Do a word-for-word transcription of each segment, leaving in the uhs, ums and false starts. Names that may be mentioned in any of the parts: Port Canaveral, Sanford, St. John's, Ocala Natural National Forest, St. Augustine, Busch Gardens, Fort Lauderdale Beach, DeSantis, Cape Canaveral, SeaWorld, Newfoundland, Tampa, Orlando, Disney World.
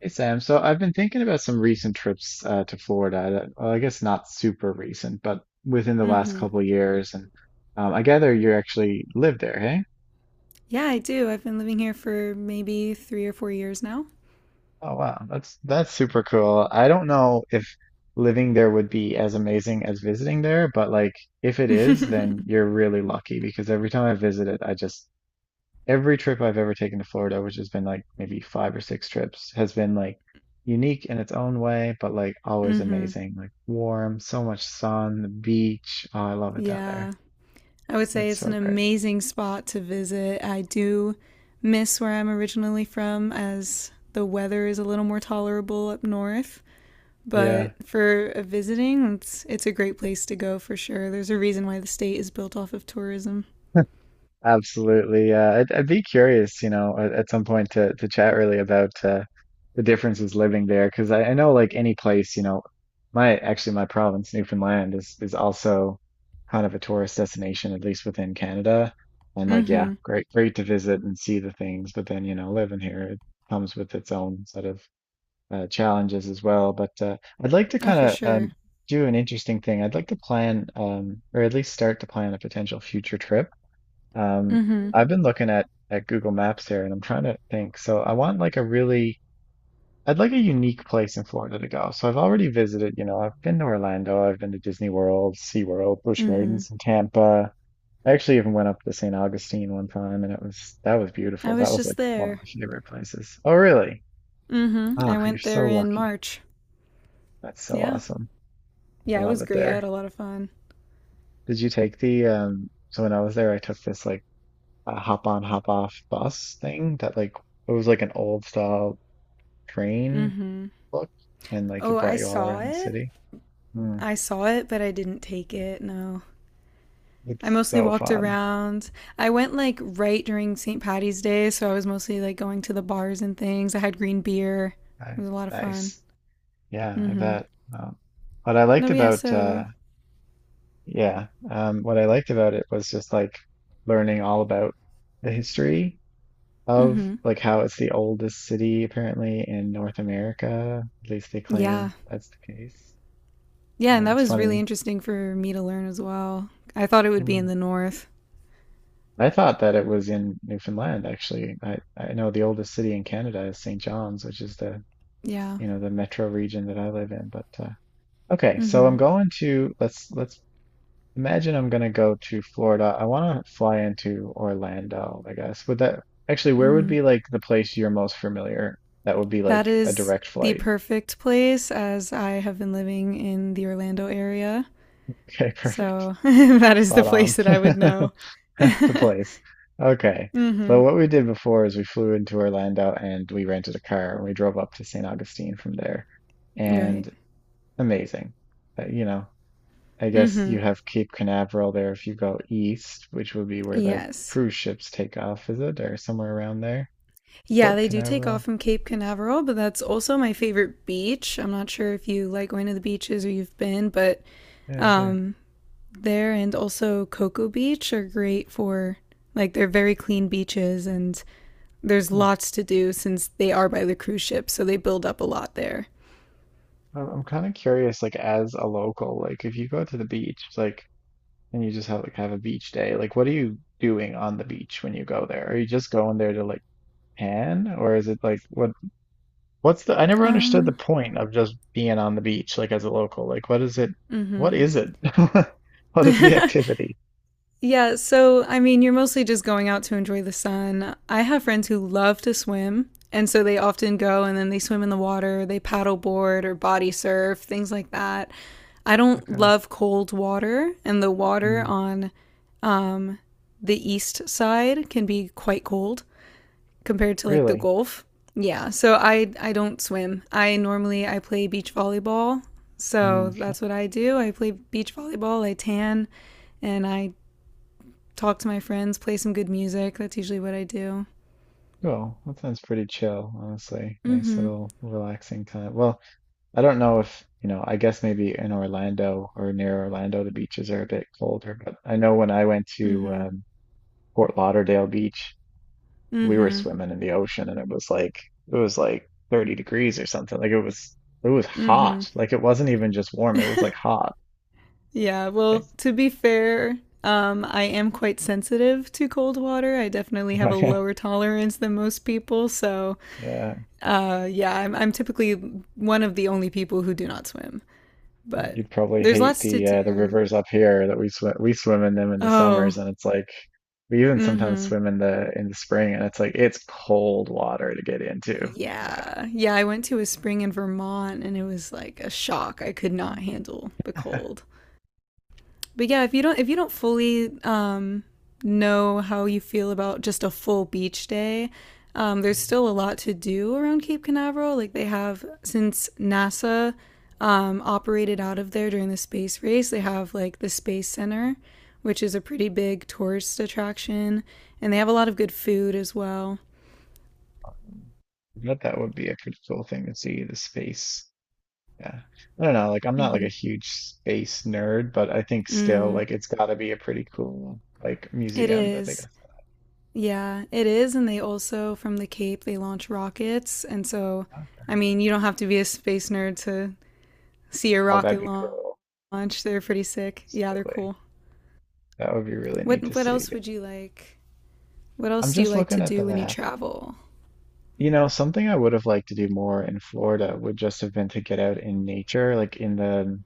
Hey Sam, so I've been thinking about some recent trips uh, to Florida. that- Well, I guess not super recent, but within the last Mm-hmm. couple of years. And um, I gather you actually live there, hey? Yeah, I do. I've been living here for maybe three or four years now. Oh wow, that's that's super cool. I don't know if living there would be as amazing as visiting there, but like if it is, then mm-hmm. you're really lucky because every time I visit it, I just every trip I've ever taken to Florida, which has been like maybe five or six trips, has been like unique in its own way, but like always amazing. Like warm, so much sun, the beach. Oh, I love it down there. Yeah. I would say It's it's an so great. amazing spot to visit. I do miss where I'm originally from as the weather is a little more tolerable up north. But Yeah. for uh, visiting, it's it's a great place to go for sure. There's a reason why the state is built off of tourism. Absolutely. Uh, I'd, I'd be curious, you know, at, at some point to to chat really about uh, the differences living there, because I, I know like any place, you know, my actually my province, Newfoundland, is is also kind of a tourist destination, at least within Canada. And like, yeah, Mm-hmm. great, great to visit and see the things, but then, you know, living here, it comes with its own set of uh, challenges as well. But uh, I'd like to Oh, kind for of sure. um, do an interesting thing. I'd like to plan, um, or at least start to plan a potential future trip um, Mm-hmm. I've been looking at at Google Maps here, and I'm trying to think. So I want like a really, I'd like a unique place in Florida to go. So I've already visited, you know, I've been to Orlando, I've been to Disney World, SeaWorld, Busch Mm-hmm. Gardens in Tampa. I actually even went up to Saint Augustine one time, and it was that was I beautiful. That was was just like one of there. my favorite places. Oh, really? Mm-hmm. Ah, I you're went there so in lucky. March. That's so Yeah. awesome. I Yeah, it love was it great. I there. had a lot of fun. Did you take the um? So when I was there, I took this like a hop on, hop off bus thing that like it was like an old style train look, and like it Oh, I brought you all saw around the it. city. Hmm, I saw it, but I didn't take it. No. it's I mostly so walked fun. around. I went like right during Saint Patty's Day, so I was mostly like going to the bars and things. I had green beer. It I, was a lot of fun. Nice. Yeah, I Mm-hmm. bet. Um, what I No, liked but yeah, about uh so Yeah, um what I liked about it was just like learning all about the history of mm-hmm. like how it's the oldest city apparently in North America. At least they Yeah. claim that's the case. Yeah, and Yeah, that it's was really funny. interesting for me to learn as well. I thought it would be in Hmm. the north. I thought that it was in Newfoundland actually. I I know the oldest city in Canada is Saint John's, which is the Yeah. you know, the metro region that I live in. But uh, Okay, so Mm-hmm. I'm going to let's let's imagine I'm going to go to Florida. I want to fly into Orlando, I guess. Would that Actually, where would Mm-hmm. be like the place you're most familiar? That would be That like a is direct the flight. perfect place as I have been living in the Orlando area. Okay, perfect. So that is the Spot on. place that I would know. That's the mm-hmm. place. Okay. So what we did before is we flew into Orlando and we rented a car and we drove up to Saint Augustine from there. Right. And amazing. Uh, you know, I guess Mm-hmm. you have Cape Canaveral there if you go east, which would be where the Yes. cruise ships take off, is it? Or somewhere around there? Yeah, Port they do take off Canaveral. from Cape Canaveral, but that's also my favorite beach. I'm not sure if you like going to the beaches or you've been, but Yeah, yeah. um, there and also Cocoa Beach are great for like they're very clean beaches and there's Hmm. lots to do since they are by the cruise ship, so they build up a lot there. I'm, I'm kind of curious, like as a local, like if you go to the beach, like and you just have like have a beach day, like what are you doing on the beach when you go there? Are you just going there to like pan, or is it like what what's the I never understood the Um, point of just being on the beach, like as a local. Like what is it? What is it? What is the activity? Yeah, so I mean, you're mostly just going out to enjoy the sun. I have friends who love to swim, and so they often go and then they swim in the water, they paddle board or body surf, things like that. I don't Okay. love cold water, and the water on um, the east side can be quite cold compared to like the Really? Gulf. Yeah, so I I don't swim. I normally I play beach volleyball. Hmm. So that's what I do. I play beach volleyball, I tan, and I talk to my friends, play some good music. That's usually what I do. Well, that sounds pretty chill, honestly. Nice Mm-hmm. little relaxing time. Well, I don't know if, you know, I guess maybe in Orlando or near Orlando, the beaches are a bit colder, but I know when I went to Mm-hmm. um, Fort Lauderdale Beach, we were Mm-hmm. swimming in the ocean and it was like it was like thirty degrees or something. Like it was it was hot. Like it wasn't even just warm, it was like hot. Yeah, well, to be fair, um, I am quite sensitive to cold water. I definitely have a Like, lower tolerance than most people. So, yeah. uh, yeah, I'm, I'm typically one of the only people who do not swim. But You'd probably there's hate lots to the uh, the do. rivers up here that we swim we swim in them in the Oh, summers and it's like we even sometimes mm-hmm. swim in the in the spring and it's like it's cold water to get into. Yeah. Yeah, I went to a spring in Vermont and it was like a shock. I could not Mm. handle the cold. But yeah, if you don't if you don't fully um, know how you feel about just a full beach day, um, there's still a lot to do around Cape Canaveral. Like they have since NASA um, operated out of there during the space race, they have like the Space Center, which is a pretty big tourist attraction, and they have a lot of good food as well. But that would be a pretty cool thing to see the space. Yeah. I don't know, like I'm not like a huge space nerd, but I think still Mm, like it's gotta be a pretty cool like it museum that they is. got set Yeah, it is. And they also, from the Cape, they launch rockets. And so, up. I mean, you don't have to be a space nerd to see a Oh, that'd rocket be cool. launch. They're pretty sick. Yeah, they're Absolutely. cool. That would be really neat to What what see. else would you like? What I'm else do you just like to looking at the do when you map. travel? You know, something I would have liked to do more in Florida would just have been to get out in nature, like in the in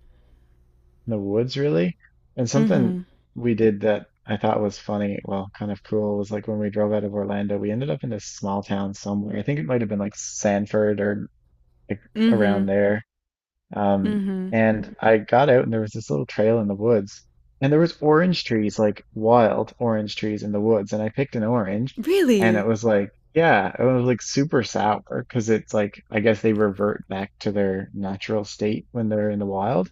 the woods, really. And something we did that I thought was funny, well, kind of cool, was like when we drove out of Orlando, we ended up in this small town somewhere. I think it might have been like Sanford or like Mm-hmm. around there. Um, Mm-hmm. and I got out and there was this little trail in the woods and there was orange trees, like wild orange trees in the woods. And I picked an orange and it Really? was like, yeah, it was like super sour because it's like, I guess they revert back to their natural state when they're in the wild,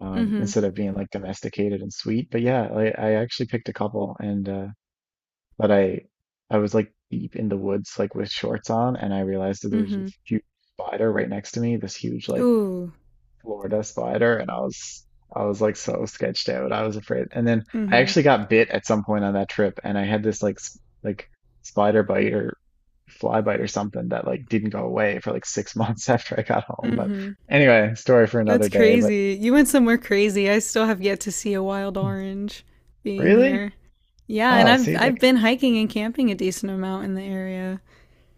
um, Mm-hmm. instead of being like domesticated and sweet. But yeah, I, I actually picked a couple, and, uh, but I, I was like deep in the woods, like with shorts on, and I realized that there was a Mm-hmm. huge spider right next to me, this huge, like, Ooh. Florida spider, and I was I was like so sketched out. I was afraid. And then I Mm-hmm. actually got bit at some point on that trip and I had this like s- like spider bite or fly bite or something that like didn't go away for like six months after I got home. But Mm-hmm. anyway, story for That's another day. But crazy. You went somewhere crazy. I still have yet to see a wild orange being really? here. Yeah, and Oh, I've see, I've like been hiking and camping a decent amount in the area.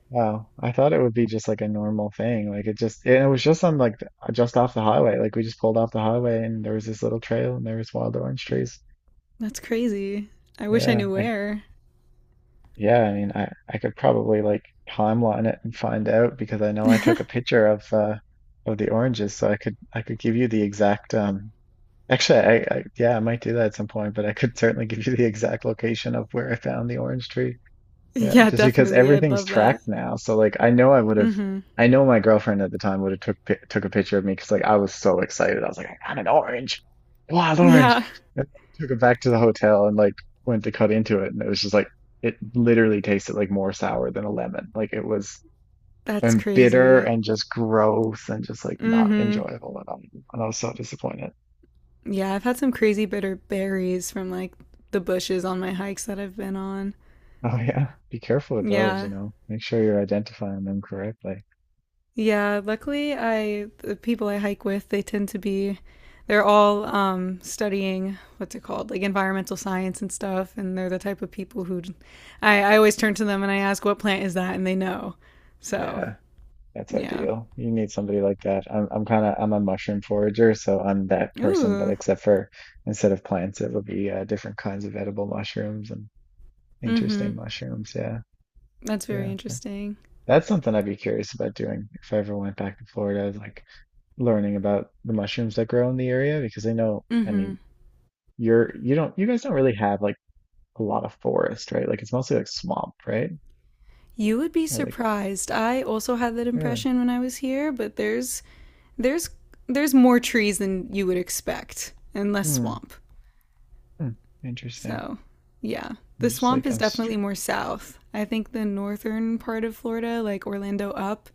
wow. I thought it would be just like a normal thing. Like it just and it was just on like the- just off the highway. Like we just pulled off the highway and there was this little trail and there was wild orange trees. That's crazy. I wish I Yeah, knew I where. Yeah, I mean, I I could probably like timeline it and find out because I know I took a picture of uh of the oranges, so I could I could give you the exact um actually, I, I, yeah, I might do that at some point, but I could certainly give you the exact location of where I found the orange tree. Yeah, Yeah, just because definitely. I'd everything's love that. tracked now. So like I know I would have Mhm. I know my girlfriend at the time would have took pi- took a picture of me because like I was so excited. I was like, I got an orange, wild orange. Yeah. And I took it back to the hotel and like went to cut into it and it was just like it literally tasted like more sour than a lemon. Like it was That's and bitter crazy. and just gross and just like not Mm-hmm. enjoyable at all. And I was so disappointed. Yeah, I've had some crazy bitter berries from like the bushes on my hikes that I've been on. Oh yeah. Be careful with those, you Yeah. know. Make sure you're identifying them correctly. Yeah, luckily I the people I hike with, they tend to be they're all um studying what's it called? Like environmental science and stuff, and they're the type of people who I, I always turn to them and I ask what plant is that and they know. So Yeah. That's yeah. ideal. You need somebody like that. I'm I'm kind of I'm a mushroom forager, so I'm that person, but Ooh. except for instead of plants, it would be uh, different kinds of edible mushrooms and Hmm. interesting mushrooms. Yeah, That's very yeah. That- interesting. That's something I'd be curious about doing if I ever went back to Florida, is, like, learning about the mushrooms that grow in the area because I know, I Hmm. mean, you're you don't you guys don't really have like a lot of forest, right? Like it's mostly like swamp, right? You would be Or like surprised. I also had that really? impression when I was here, but there's there's there's more trees than you would expect and less Hmm. swamp. Hmm. Interesting. So, yeah. I'm The just swamp like is I'm str definitely more south. I think the northern part of Florida, like Orlando up,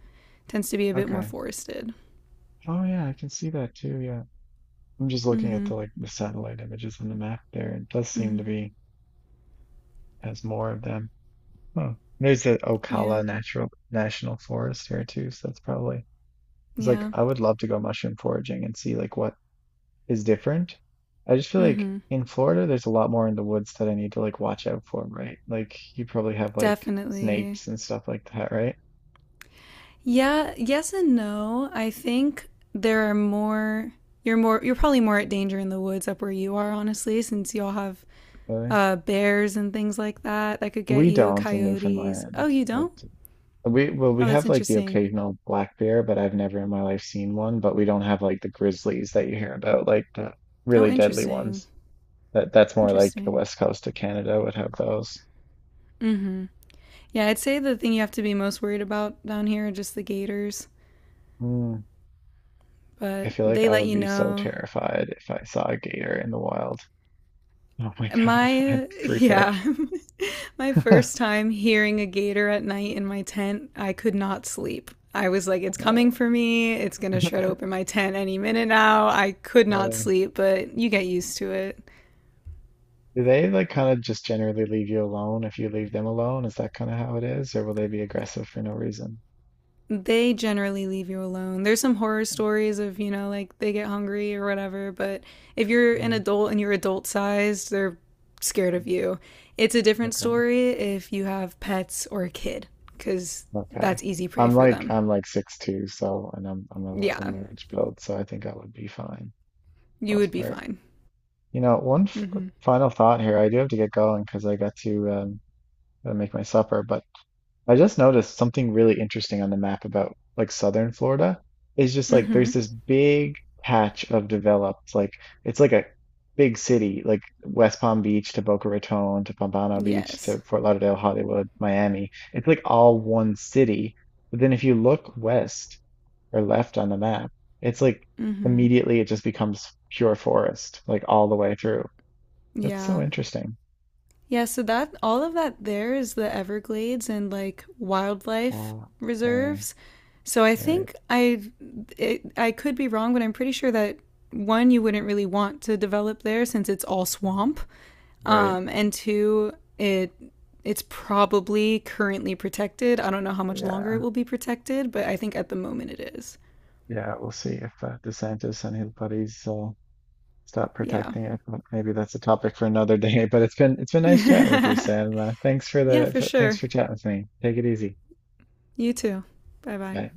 tends to be a bit more Okay. forested. Oh yeah, I can see that too. Yeah. I'm just looking at Mhm. the like the satellite images on the map there. It does seem to Mhm. be has more of them. Huh. There's the Yeah. Ocala Natural National Forest here too, so that's probably it's like Yeah. I would love to go mushroom foraging and see like what is different. I just feel like Mhm. in Florida there's a lot more in the woods that I need to like watch out for, right? Like you probably have like Definitely. snakes and stuff like that, right? Yeah, yes and no. I think there are more you're more you're probably more at danger in the woods up where you are honestly since y'all have Really? uh bears and things like that that could get We you, don't in coyotes. Oh, Newfoundland, you but don't? We well, we Oh, that's have like the interesting. occasional black bear, but I've never in my life seen one. But we don't have like the grizzlies that you hear about, like the Oh, really deadly interesting. ones. That that's more like the Interesting. west coast of Canada would have those. Mhm. Yeah, I'd say the thing you have to be most worried about down here are just the gators, Mm, I but feel like they I let would you be so know. terrified if I saw a gator in the wild. Oh my God, I'd My freak out. Yeah. My first time hearing a gator at night in my tent, I could not sleep. I was like, it's Uh, coming for me. It's going to shred open my tent any minute now. I could not yeah. sleep, but you get used to it. Do they like kind of just generally leave you alone if you leave them alone? Is that kind of how it is, or will they be aggressive for no reason? They generally leave you alone. There's some horror stories of, you know, like they get hungry or whatever, but if you're an Mm, adult and you're adult sized, they're scared of you. It's a different okay. story if you have pets or a kid, because Okay. that's easy prey I'm for like them. I'm like six two, so, and I'm I'm a, l- a Yeah, large build, so I think I would be fine for the you would most be part. fine. You know, one f Mm hmm. final thought here. I do have to get going because I got to um gotta make my supper, but I just noticed something really interesting on the map about like southern Florida. It's just Mm like hmm. there's this big patch of developed, like it's like a big city, like West Palm Beach to Boca Raton to Pompano Beach Yes. to Fort Lauderdale, Hollywood, Miami. It's like all one city. But then if you look west or left on the map, it's like Mhm. immediately it just becomes pure forest, like all the way through. It's so Yeah. interesting. Yeah, so that all of that there is the Everglades and like wildlife Oh, okay, reserves. So I right, think I it, I could be wrong, but I'm pretty sure that one you wouldn't really want to develop there since it's all swamp. right. Um and two, it it's probably currently protected. I don't know how much longer it Yeah. will be protected, but I think at the moment it is. Yeah, we'll see if uh, DeSantis and his buddies uh, stop Yeah. protecting it. But maybe that's a topic for another day. But it's been it's been nice chatting with you, Yeah. Sam. Uh, thanks for Yeah, the for for, thanks sure. for chatting with me. Take it easy. You too. Bye-bye. Bye.